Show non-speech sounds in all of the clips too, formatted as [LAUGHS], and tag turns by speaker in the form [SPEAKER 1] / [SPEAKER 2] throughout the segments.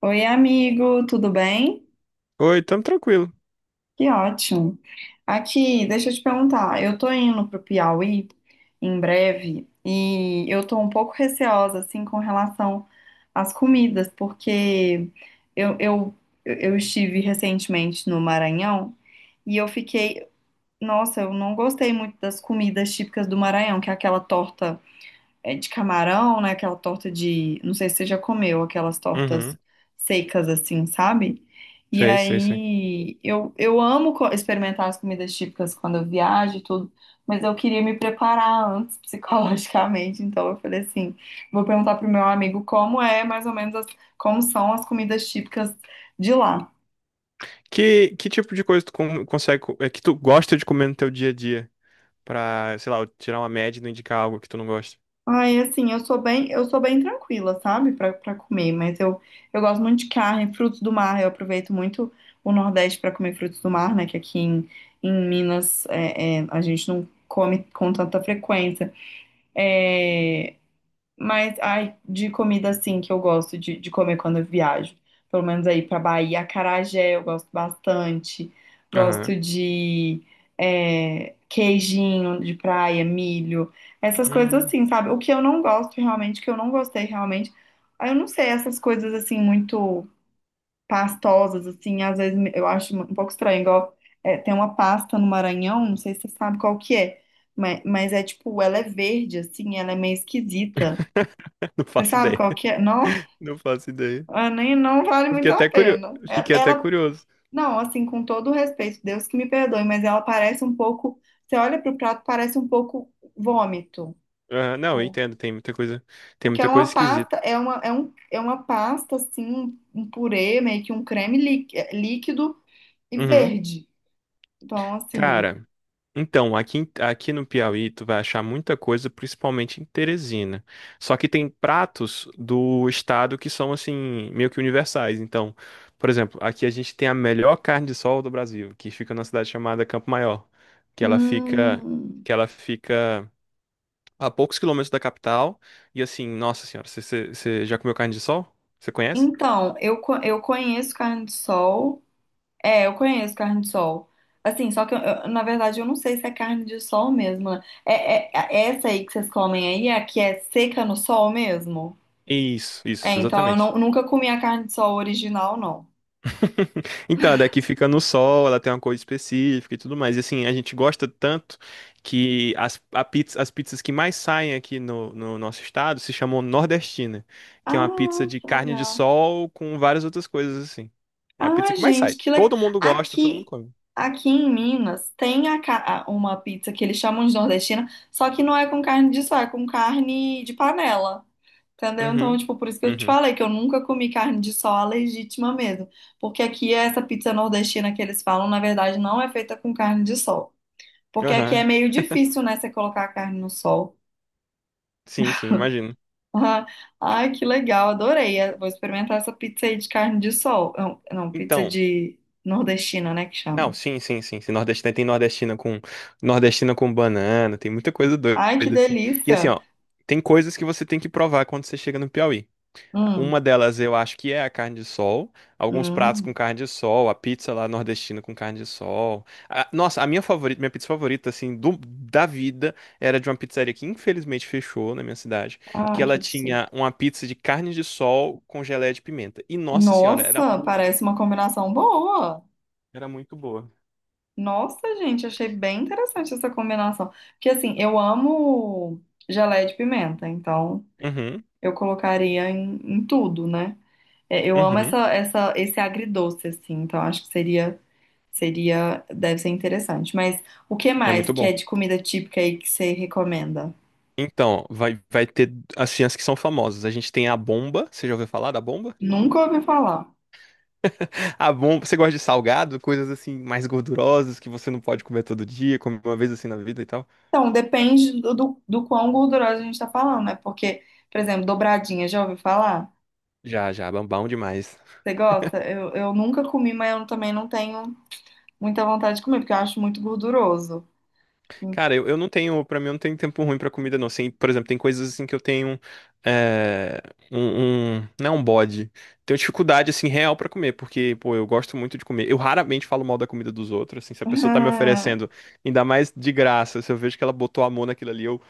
[SPEAKER 1] Oi, amigo, tudo bem?
[SPEAKER 2] Oi, tamo tranquilo.
[SPEAKER 1] Que ótimo. Aqui, deixa eu te perguntar, eu tô indo pro Piauí em breve e eu tô um pouco receosa, assim, com relação às comidas, porque eu, eu, eu estive recentemente no Maranhão e eu fiquei, nossa, eu não gostei muito das comidas típicas do Maranhão, que é aquela torta. É de camarão, né? Aquela torta de. Não sei se você já comeu aquelas
[SPEAKER 2] Uhum.
[SPEAKER 1] tortas secas assim, sabe? E
[SPEAKER 2] Sei, sei, sei.
[SPEAKER 1] aí eu amo experimentar as comidas típicas quando eu viajo e tudo, mas eu queria me preparar antes [LAUGHS] psicologicamente, então eu falei assim, vou perguntar pro meu amigo como é mais ou menos como são as comidas típicas de lá.
[SPEAKER 2] Que tipo de coisa consegue, é que tu gosta de comer no teu dia a dia? Pra, sei lá, eu tirar uma média e não indicar algo que tu não gosta.
[SPEAKER 1] Ai, assim, eu sou bem tranquila, sabe, pra para comer, mas eu gosto muito de carne, frutos do mar, eu aproveito muito o Nordeste pra comer frutos do mar, né, que em Minas a gente não come com tanta frequência. É, mas, ai, de comida assim que eu gosto de comer quando eu viajo. Pelo menos aí pra Bahia, acarajé eu gosto bastante.
[SPEAKER 2] Aham.
[SPEAKER 1] Gosto de queijinho de praia, milho, essas coisas
[SPEAKER 2] Hum.
[SPEAKER 1] assim, sabe? O que eu não gosto realmente, o que eu não gostei realmente, ah, eu não sei, essas coisas assim muito pastosas, assim, às vezes eu acho um pouco estranho. Igual é, tem uma pasta no Maranhão, não sei se você sabe qual que é, mas é tipo, ela é verde, assim, ela é meio esquisita.
[SPEAKER 2] [LAUGHS] Não
[SPEAKER 1] Você
[SPEAKER 2] faço
[SPEAKER 1] sabe
[SPEAKER 2] ideia.
[SPEAKER 1] qual que é? Não,
[SPEAKER 2] [LAUGHS] Não faço ideia.
[SPEAKER 1] ah, nem não vale
[SPEAKER 2] Eu fiquei
[SPEAKER 1] muito a
[SPEAKER 2] até curioso.
[SPEAKER 1] pena.
[SPEAKER 2] Fiquei até
[SPEAKER 1] Ela,
[SPEAKER 2] curioso.
[SPEAKER 1] não, assim, com todo o respeito, Deus que me perdoe, mas ela parece um pouco, você olha pro prato, parece um pouco vômito.
[SPEAKER 2] Aham. Não, eu
[SPEAKER 1] Tipo,
[SPEAKER 2] entendo, tem muita coisa, tem
[SPEAKER 1] porque é
[SPEAKER 2] muita coisa
[SPEAKER 1] uma pasta,
[SPEAKER 2] esquisita.
[SPEAKER 1] é uma, é um, é uma pasta, assim, um purê, meio que um creme líquido e
[SPEAKER 2] Uhum.
[SPEAKER 1] verde. Então, assim,
[SPEAKER 2] Cara, então, aqui, aqui no Piauí, tu vai achar muita coisa, principalmente em Teresina. Só que tem pratos do estado que são, assim, meio que universais. Então, por exemplo, aqui a gente tem a melhor carne de sol do Brasil, que fica numa cidade chamada Campo Maior, que ela fica,
[SPEAKER 1] hum,
[SPEAKER 2] que ela fica a poucos quilômetros da capital. E assim, nossa senhora, você já comeu carne de sol? Você conhece?
[SPEAKER 1] então, eu, eu conheço carne de sol. É, eu conheço carne de sol. Assim, só que na verdade eu não sei se é carne de sol mesmo, né? É essa aí que vocês comem aí é a que é seca no sol mesmo?
[SPEAKER 2] Isso,
[SPEAKER 1] É,
[SPEAKER 2] isso,
[SPEAKER 1] então eu
[SPEAKER 2] exatamente.
[SPEAKER 1] nunca comi a carne de sol original, não.
[SPEAKER 2] [LAUGHS] Então, a daqui fica no sol, ela tem uma cor específica e tudo mais. E assim, a gente gosta tanto que a as pizzas que mais saem aqui no nosso estado se chamam nordestina, que é uma
[SPEAKER 1] Ah,
[SPEAKER 2] pizza de
[SPEAKER 1] que
[SPEAKER 2] carne de
[SPEAKER 1] legal.
[SPEAKER 2] sol com várias outras coisas assim. É a pizza
[SPEAKER 1] Ah,
[SPEAKER 2] que mais sai.
[SPEAKER 1] gente, que legal.
[SPEAKER 2] Todo mundo gosta, todo mundo
[SPEAKER 1] Aqui,
[SPEAKER 2] come.
[SPEAKER 1] aqui em Minas tem uma pizza que eles chamam de nordestina, só que não é com carne de sol, é com carne de panela. Entendeu? Então,
[SPEAKER 2] Uhum.
[SPEAKER 1] tipo, por isso que eu te
[SPEAKER 2] Uhum.
[SPEAKER 1] falei que eu nunca comi carne de sol a legítima mesmo. Porque aqui essa pizza nordestina que eles falam, na verdade, não é feita com carne de sol. Porque aqui é
[SPEAKER 2] Aham.
[SPEAKER 1] meio difícil, né, você colocar a carne no sol.
[SPEAKER 2] Sim, sim, imagino.
[SPEAKER 1] [LAUGHS] Ai, que legal, adorei. Vou experimentar essa pizza aí de carne de sol. Não, não, pizza
[SPEAKER 2] Então,
[SPEAKER 1] de nordestina, né, que
[SPEAKER 2] não,
[SPEAKER 1] chama.
[SPEAKER 2] sim, sim, sim, sim. Nordestina, tem nordestina com banana, tem muita coisa doida
[SPEAKER 1] Ai, que
[SPEAKER 2] assim. E assim,
[SPEAKER 1] delícia.
[SPEAKER 2] ó, tem coisas que você tem que provar quando você chega no Piauí.
[SPEAKER 1] Hum,
[SPEAKER 2] Uma delas eu acho que é a carne de sol, alguns pratos com
[SPEAKER 1] hum.
[SPEAKER 2] carne de sol, a pizza lá nordestina com carne de sol. Nossa, a minha favorita, minha pizza favorita assim da vida era de uma pizzaria que infelizmente fechou na minha cidade, que
[SPEAKER 1] Ai,
[SPEAKER 2] ela
[SPEAKER 1] que absurdo.
[SPEAKER 2] tinha uma pizza de carne de sol com geleia de pimenta. E nossa senhora,
[SPEAKER 1] Nossa, parece uma combinação boa.
[SPEAKER 2] era muito boa.
[SPEAKER 1] Nossa, gente, achei bem interessante essa combinação. Porque assim, eu amo geleia de pimenta, então
[SPEAKER 2] Uhum,
[SPEAKER 1] eu colocaria em tudo, né? É, eu amo
[SPEAKER 2] uhum.
[SPEAKER 1] essa, esse agridoce, assim, então acho que seria, deve ser interessante. Mas o que
[SPEAKER 2] É
[SPEAKER 1] mais
[SPEAKER 2] muito
[SPEAKER 1] que é
[SPEAKER 2] bom.
[SPEAKER 1] de comida típica aí que você recomenda?
[SPEAKER 2] Então, vai ter assim, as ciências que são famosas. A gente tem a bomba. Você já ouviu falar da bomba?
[SPEAKER 1] Nunca ouvi falar.
[SPEAKER 2] [LAUGHS] A bomba. Você gosta de salgado? Coisas assim mais gordurosas que você não pode comer todo dia, come uma vez assim na vida e tal.
[SPEAKER 1] Então, depende do quão gordurosa a gente tá falando, né? Porque, por exemplo, dobradinha, já ouviu falar?
[SPEAKER 2] Já, já, bom bom demais.
[SPEAKER 1] Você gosta? Eu nunca comi, mas eu também não tenho muita vontade de comer, porque eu acho muito gorduroso. Hum.
[SPEAKER 2] Cara, eu não tenho, pra mim, eu não tenho tempo ruim pra comida, não. Assim, por exemplo, tem coisas assim que eu tenho é, não é um bode. Tenho dificuldade assim real pra comer, porque, pô, eu gosto muito de comer. Eu raramente falo mal da comida dos outros, assim, se a pessoa tá me oferecendo,
[SPEAKER 1] [LAUGHS]
[SPEAKER 2] ainda mais de graça, se eu vejo que ela botou amor naquilo ali,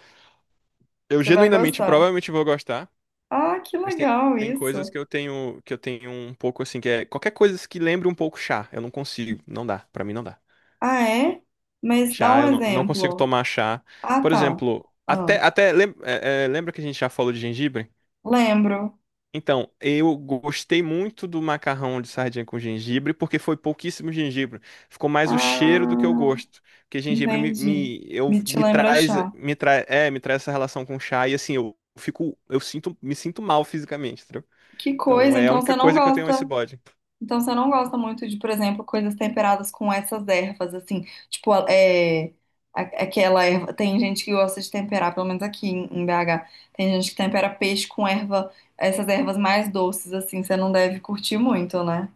[SPEAKER 2] eu
[SPEAKER 1] Você vai
[SPEAKER 2] genuinamente
[SPEAKER 1] gostar.
[SPEAKER 2] provavelmente vou gostar,
[SPEAKER 1] Ah, que
[SPEAKER 2] mas tem,
[SPEAKER 1] legal
[SPEAKER 2] tem coisas
[SPEAKER 1] isso.
[SPEAKER 2] que eu tenho um pouco assim, que é qualquer coisa que lembre um pouco chá, eu não consigo, não dá, pra mim não dá.
[SPEAKER 1] Ah, é? Mas dá
[SPEAKER 2] Chá,
[SPEAKER 1] um
[SPEAKER 2] eu não, não consigo
[SPEAKER 1] exemplo.
[SPEAKER 2] tomar chá.
[SPEAKER 1] Ah,
[SPEAKER 2] Por
[SPEAKER 1] tá.
[SPEAKER 2] exemplo,
[SPEAKER 1] Ah,
[SPEAKER 2] até até lem- é, é, lembra que a gente já falou de gengibre?
[SPEAKER 1] lembro.
[SPEAKER 2] Então, eu gostei muito do macarrão de sardinha com gengibre, porque foi pouquíssimo gengibre. Ficou mais o cheiro do que o
[SPEAKER 1] Ah,
[SPEAKER 2] gosto. Porque gengibre me,
[SPEAKER 1] entendi.
[SPEAKER 2] me, eu,
[SPEAKER 1] Me te lembra chá.
[SPEAKER 2] me traz, é, me traz essa relação com chá e assim, eu fico, eu sinto, me sinto mal fisicamente, entendeu?
[SPEAKER 1] Que
[SPEAKER 2] Então,
[SPEAKER 1] coisa,
[SPEAKER 2] é a
[SPEAKER 1] então
[SPEAKER 2] única
[SPEAKER 1] você não
[SPEAKER 2] coisa que eu tenho esse
[SPEAKER 1] gosta.
[SPEAKER 2] bode.
[SPEAKER 1] Então você não gosta muito de, por exemplo, coisas temperadas com essas ervas, assim, tipo, é, aquela erva. Tem gente que gosta de temperar, pelo menos em BH, tem gente que tempera peixe com erva, essas ervas mais doces, assim, você não deve curtir muito, né?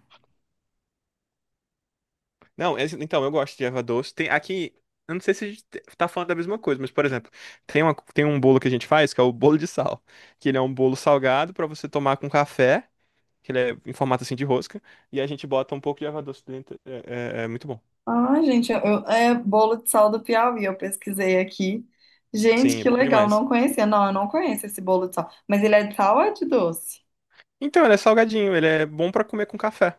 [SPEAKER 2] Não, então, eu gosto de erva doce. Tem aqui, eu não sei se a gente tá falando da mesma coisa, mas, por exemplo, tem um bolo que a gente faz, que é o bolo de sal, que ele é um bolo salgado para você tomar com café, que ele é em formato assim de rosca, e a gente bota um pouco de erva doce dentro. É muito bom.
[SPEAKER 1] Ah, gente, é bolo de sal do Piauí, eu pesquisei aqui. Gente,
[SPEAKER 2] Sim, é
[SPEAKER 1] que
[SPEAKER 2] bom
[SPEAKER 1] legal,
[SPEAKER 2] demais.
[SPEAKER 1] não conhecia. Não, eu não conheço esse bolo de sal. Mas ele é de sal ou é de doce?
[SPEAKER 2] Então, ele é salgadinho, ele é bom pra comer com café.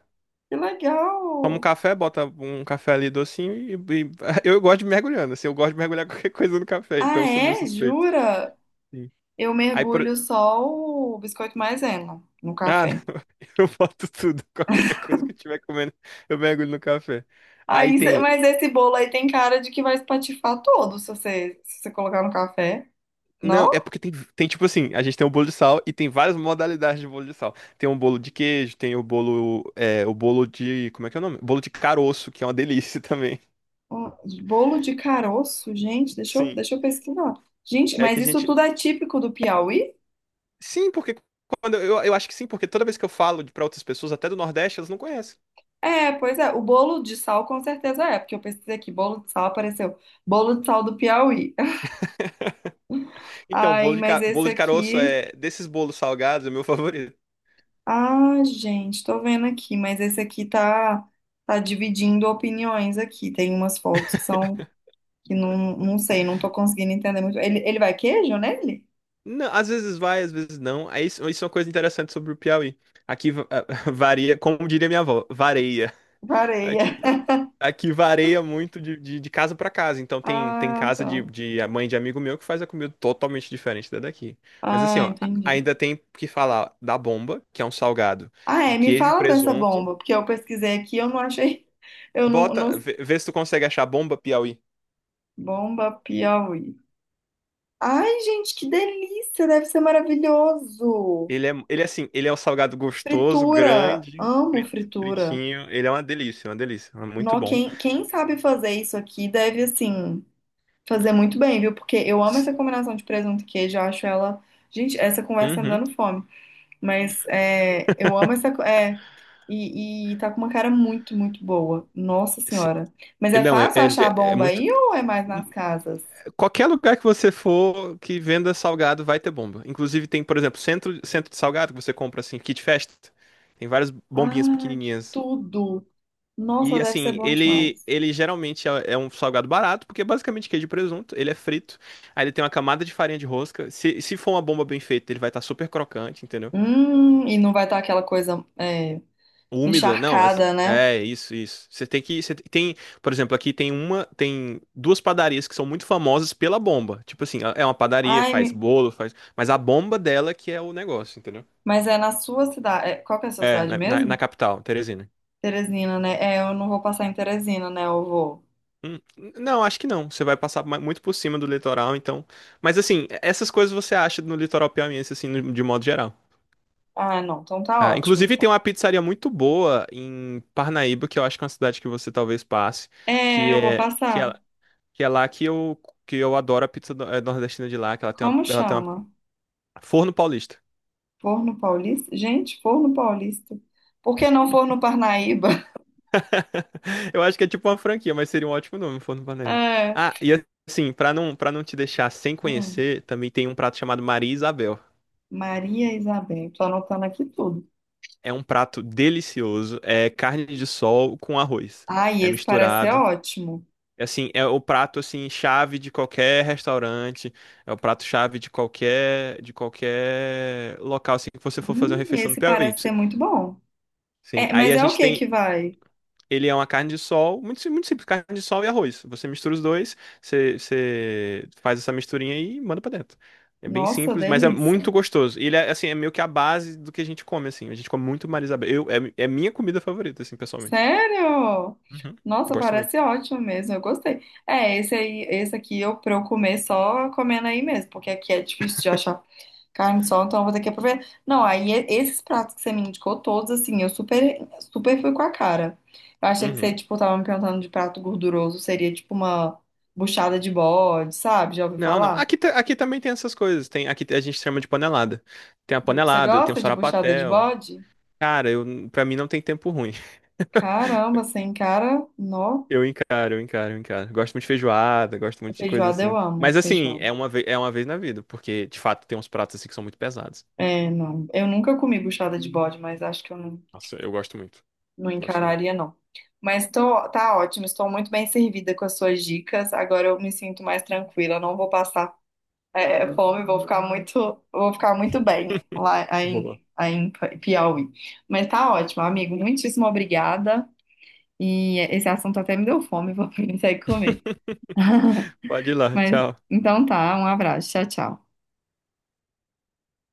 [SPEAKER 1] Que legal!
[SPEAKER 2] Toma um café, bota um café ali docinho [LAUGHS] eu gosto de mergulhando, assim, eu gosto de mergulhar [LAUGHS] qualquer coisa no café,
[SPEAKER 1] Ah,
[SPEAKER 2] então eu sou meio
[SPEAKER 1] é?
[SPEAKER 2] suspeito.
[SPEAKER 1] Jura?
[SPEAKER 2] Sim.
[SPEAKER 1] Eu
[SPEAKER 2] Aí por...
[SPEAKER 1] mergulho só o biscoito maisena no
[SPEAKER 2] Ah,
[SPEAKER 1] café.
[SPEAKER 2] [LAUGHS] eu boto tudo, qualquer coisa que eu estiver comendo, eu mergulho no café. Aí
[SPEAKER 1] Aí,
[SPEAKER 2] tem.
[SPEAKER 1] mas esse bolo aí tem cara de que vai espatifar todo se você, se você colocar no café.
[SPEAKER 2] Não,
[SPEAKER 1] Não?
[SPEAKER 2] é porque tem, tem tipo assim, a gente tem o bolo de sal e tem várias modalidades de bolo de sal. Tem um bolo de queijo, tem o bolo de, como é que é o nome? Bolo de caroço, que é uma delícia [LAUGHS] também.
[SPEAKER 1] Um bolo de caroço, gente,
[SPEAKER 2] Sim,
[SPEAKER 1] deixa eu pesquisar. Gente,
[SPEAKER 2] é que
[SPEAKER 1] mas
[SPEAKER 2] a
[SPEAKER 1] isso
[SPEAKER 2] gente,
[SPEAKER 1] tudo é típico do Piauí?
[SPEAKER 2] sim, porque quando eu acho que sim, porque toda vez que eu pra outras pessoas, até do Nordeste, elas não conhecem.
[SPEAKER 1] É, pois é. O bolo de sal com certeza é, porque eu pesquisei aqui, bolo de sal apareceu. Bolo de sal do Piauí. [LAUGHS]
[SPEAKER 2] Então,
[SPEAKER 1] Aí, mas esse
[SPEAKER 2] bolo de caroço
[SPEAKER 1] aqui.
[SPEAKER 2] é desses bolos salgados é o meu [LAUGHS] favorito.
[SPEAKER 1] Ah, gente, tô vendo aqui, mas esse tá dividindo opiniões aqui. Tem umas fotos que são, que não, não sei, não tô conseguindo entender muito. Ele vai queijo nele?
[SPEAKER 2] Não, às vezes vai, às vezes não. Aí isso é uma coisa interessante sobre o Piauí. Aqui [LAUGHS] varia, como diria minha avó, vareia. Aqui.
[SPEAKER 1] Areia. [LAUGHS]
[SPEAKER 2] Aqui varia muito de casa para casa. Então tem, tem
[SPEAKER 1] Ah,
[SPEAKER 2] casa
[SPEAKER 1] tá.
[SPEAKER 2] de a mãe de amigo meu que faz a comida totalmente diferente da daqui. Mas assim,
[SPEAKER 1] Ah,
[SPEAKER 2] ó,
[SPEAKER 1] entendi.
[SPEAKER 2] ainda tem que falar da bomba, que é um salgado
[SPEAKER 1] Ah,
[SPEAKER 2] de
[SPEAKER 1] é, me
[SPEAKER 2] queijo e
[SPEAKER 1] fala dessa
[SPEAKER 2] presunto.
[SPEAKER 1] bomba, porque eu pesquisei aqui, eu não achei, [LAUGHS] eu não,
[SPEAKER 2] Bota,
[SPEAKER 1] não...
[SPEAKER 2] vê se tu consegue achar bomba Piauí.
[SPEAKER 1] Bomba Piauí. Ai, gente, que delícia, deve ser maravilhoso.
[SPEAKER 2] Ele é assim, ele é um salgado gostoso,
[SPEAKER 1] Fritura,
[SPEAKER 2] grande,
[SPEAKER 1] amo fritura.
[SPEAKER 2] fritinho. Ele é uma delícia, uma delícia. É muito
[SPEAKER 1] Nó,
[SPEAKER 2] bom.
[SPEAKER 1] quem, quem sabe fazer isso aqui deve, assim... Fazer muito bem, viu? Porque eu amo
[SPEAKER 2] S-
[SPEAKER 1] essa combinação de presunto e queijo, eu acho ela. Gente, essa conversa tá me
[SPEAKER 2] Uhum.
[SPEAKER 1] dando fome. Mas é, eu amo essa. É, e tá com uma cara muito, muito boa. Nossa
[SPEAKER 2] Se-
[SPEAKER 1] Senhora. Mas é
[SPEAKER 2] Não, é,
[SPEAKER 1] fácil
[SPEAKER 2] ele
[SPEAKER 1] achar a
[SPEAKER 2] é é
[SPEAKER 1] bomba
[SPEAKER 2] muito.
[SPEAKER 1] aí ou é mais nas casas?
[SPEAKER 2] Qualquer lugar que você for que venda salgado vai ter bomba. Inclusive tem, por exemplo, centro de salgado que você compra assim, Kit Fest. Tem várias bombinhas
[SPEAKER 1] Ah, que
[SPEAKER 2] pequenininhas.
[SPEAKER 1] tudo!
[SPEAKER 2] E
[SPEAKER 1] Nossa, deve ser
[SPEAKER 2] assim,
[SPEAKER 1] bom
[SPEAKER 2] ele
[SPEAKER 1] demais.
[SPEAKER 2] ele geralmente é um salgado barato, porque é basicamente queijo e presunto, ele é frito. Aí ele tem uma camada de farinha de rosca. Se for uma bomba bem feita, ele vai estar super crocante, entendeu?
[SPEAKER 1] E não vai estar aquela coisa é,
[SPEAKER 2] Úmida, não, é assim,
[SPEAKER 1] encharcada, né?
[SPEAKER 2] é isso, isso. Você tem, por exemplo, aqui tem duas padarias que são muito famosas pela bomba. Tipo assim, é uma padaria,
[SPEAKER 1] Ai,
[SPEAKER 2] faz bolo, faz, mas a bomba dela que é o negócio, entendeu?
[SPEAKER 1] mas é na sua cidade. Qual que é a sua
[SPEAKER 2] É,
[SPEAKER 1] cidade
[SPEAKER 2] na
[SPEAKER 1] mesmo?
[SPEAKER 2] capital, Teresina.
[SPEAKER 1] Teresina, né? É, eu não vou passar em Teresina, né? Eu vou.
[SPEAKER 2] Hum, não, acho que não. Você vai passar muito por cima do litoral, então. Mas assim, essas coisas você acha no litoral piauiense, assim, de modo geral.
[SPEAKER 1] Ah, não, então tá
[SPEAKER 2] Ah,
[SPEAKER 1] ótimo,
[SPEAKER 2] inclusive tem
[SPEAKER 1] então.
[SPEAKER 2] uma pizzaria muito boa em Parnaíba, que eu acho que é uma cidade que você talvez passe,
[SPEAKER 1] É,
[SPEAKER 2] que
[SPEAKER 1] eu vou
[SPEAKER 2] é que
[SPEAKER 1] passar.
[SPEAKER 2] ela, que é lá que eu adoro a pizza nordestina de lá, que
[SPEAKER 1] Como
[SPEAKER 2] ela tem uma
[SPEAKER 1] chama?
[SPEAKER 2] Forno Paulista.
[SPEAKER 1] Forno Paulista? Gente, Forno Paulista. Por que não Forno Parnaíba? [LAUGHS]
[SPEAKER 2] [LAUGHS] Eu acho que é tipo uma franquia, mas seria um ótimo nome, Forno Paulista.
[SPEAKER 1] É.
[SPEAKER 2] Ah, e assim, pra não, para não te deixar sem
[SPEAKER 1] Hum,
[SPEAKER 2] conhecer, também tem um prato chamado Maria Isabel.
[SPEAKER 1] Maria Isabel. Tô anotando aqui tudo.
[SPEAKER 2] É um prato delicioso, é carne de sol com arroz.
[SPEAKER 1] Ai,
[SPEAKER 2] É
[SPEAKER 1] esse parece ser
[SPEAKER 2] misturado.
[SPEAKER 1] ótimo.
[SPEAKER 2] É assim, é o prato assim chave de qualquer restaurante, é o prato chave de qualquer local assim que você for fazer uma refeição no
[SPEAKER 1] Esse
[SPEAKER 2] Piauí.
[SPEAKER 1] parece ser muito bom.
[SPEAKER 2] Sim,
[SPEAKER 1] É,
[SPEAKER 2] aí
[SPEAKER 1] mas
[SPEAKER 2] a
[SPEAKER 1] é o
[SPEAKER 2] gente
[SPEAKER 1] que que
[SPEAKER 2] tem.
[SPEAKER 1] vai?
[SPEAKER 2] Ele é uma carne de sol, muito simples, carne de sol e arroz. Você mistura os dois, você faz essa misturinha aí e manda pra dentro. É bem
[SPEAKER 1] Nossa,
[SPEAKER 2] simples, mas é muito
[SPEAKER 1] delícia.
[SPEAKER 2] gostoso. E ele é, assim, é meio que a base do que a gente come, assim. A gente come muito Marisabel. É minha comida favorita, assim, pessoalmente.
[SPEAKER 1] Sério?
[SPEAKER 2] Uhum.
[SPEAKER 1] Nossa,
[SPEAKER 2] Gosto
[SPEAKER 1] parece
[SPEAKER 2] muito.
[SPEAKER 1] ótimo mesmo. Eu gostei. É, esse aí, esse aqui eu pra eu comer só comendo aí mesmo, porque aqui é difícil de achar carne sol, então eu vou ter que aproveitar. Não, aí esses pratos que você me indicou todos, assim, eu super, super fui com a cara. Eu achei que você,
[SPEAKER 2] Uhum.
[SPEAKER 1] tipo, tava me perguntando de prato gorduroso, seria tipo uma buchada de bode, sabe? Já ouviu
[SPEAKER 2] Não, não.
[SPEAKER 1] falar?
[SPEAKER 2] Aqui, aqui também tem essas coisas. Tem, aqui a gente chama de panelada. Tem a
[SPEAKER 1] Você
[SPEAKER 2] panelada, tem o
[SPEAKER 1] gosta de buchada de
[SPEAKER 2] sarapatel.
[SPEAKER 1] bode?
[SPEAKER 2] Cara, eu, pra mim não tem tempo ruim. [LAUGHS]
[SPEAKER 1] Caramba, sem cara, nó.
[SPEAKER 2] Eu encaro, eu encaro, eu encaro. Gosto muito de feijoada, gosto muito de coisa
[SPEAKER 1] Feijoada
[SPEAKER 2] assim.
[SPEAKER 1] eu amo,
[SPEAKER 2] Mas assim,
[SPEAKER 1] feijoada.
[SPEAKER 2] é uma vez na vida, porque de fato tem uns pratos assim que são muito pesados.
[SPEAKER 1] É, não. Eu nunca comi buchada de bode, mas acho que eu não,
[SPEAKER 2] Nossa, eu gosto muito.
[SPEAKER 1] não
[SPEAKER 2] Gosto muito.
[SPEAKER 1] encararia, não. Mas tô, tá ótimo, estou muito bem servida com as suas dicas. Agora eu me sinto mais tranquila, não vou passar é fome, vou ficar muito bem
[SPEAKER 2] [LAUGHS]
[SPEAKER 1] lá
[SPEAKER 2] Boa.
[SPEAKER 1] em, aí em Piauí. Mas tá ótimo, amigo. Muitíssimo obrigada. E esse assunto até me deu fome, vou [LAUGHS] sair comer.
[SPEAKER 2] [LAUGHS] Pode ir
[SPEAKER 1] [LAUGHS]
[SPEAKER 2] lá,
[SPEAKER 1] Mas
[SPEAKER 2] tchau.
[SPEAKER 1] então tá, um abraço. Tchau, tchau.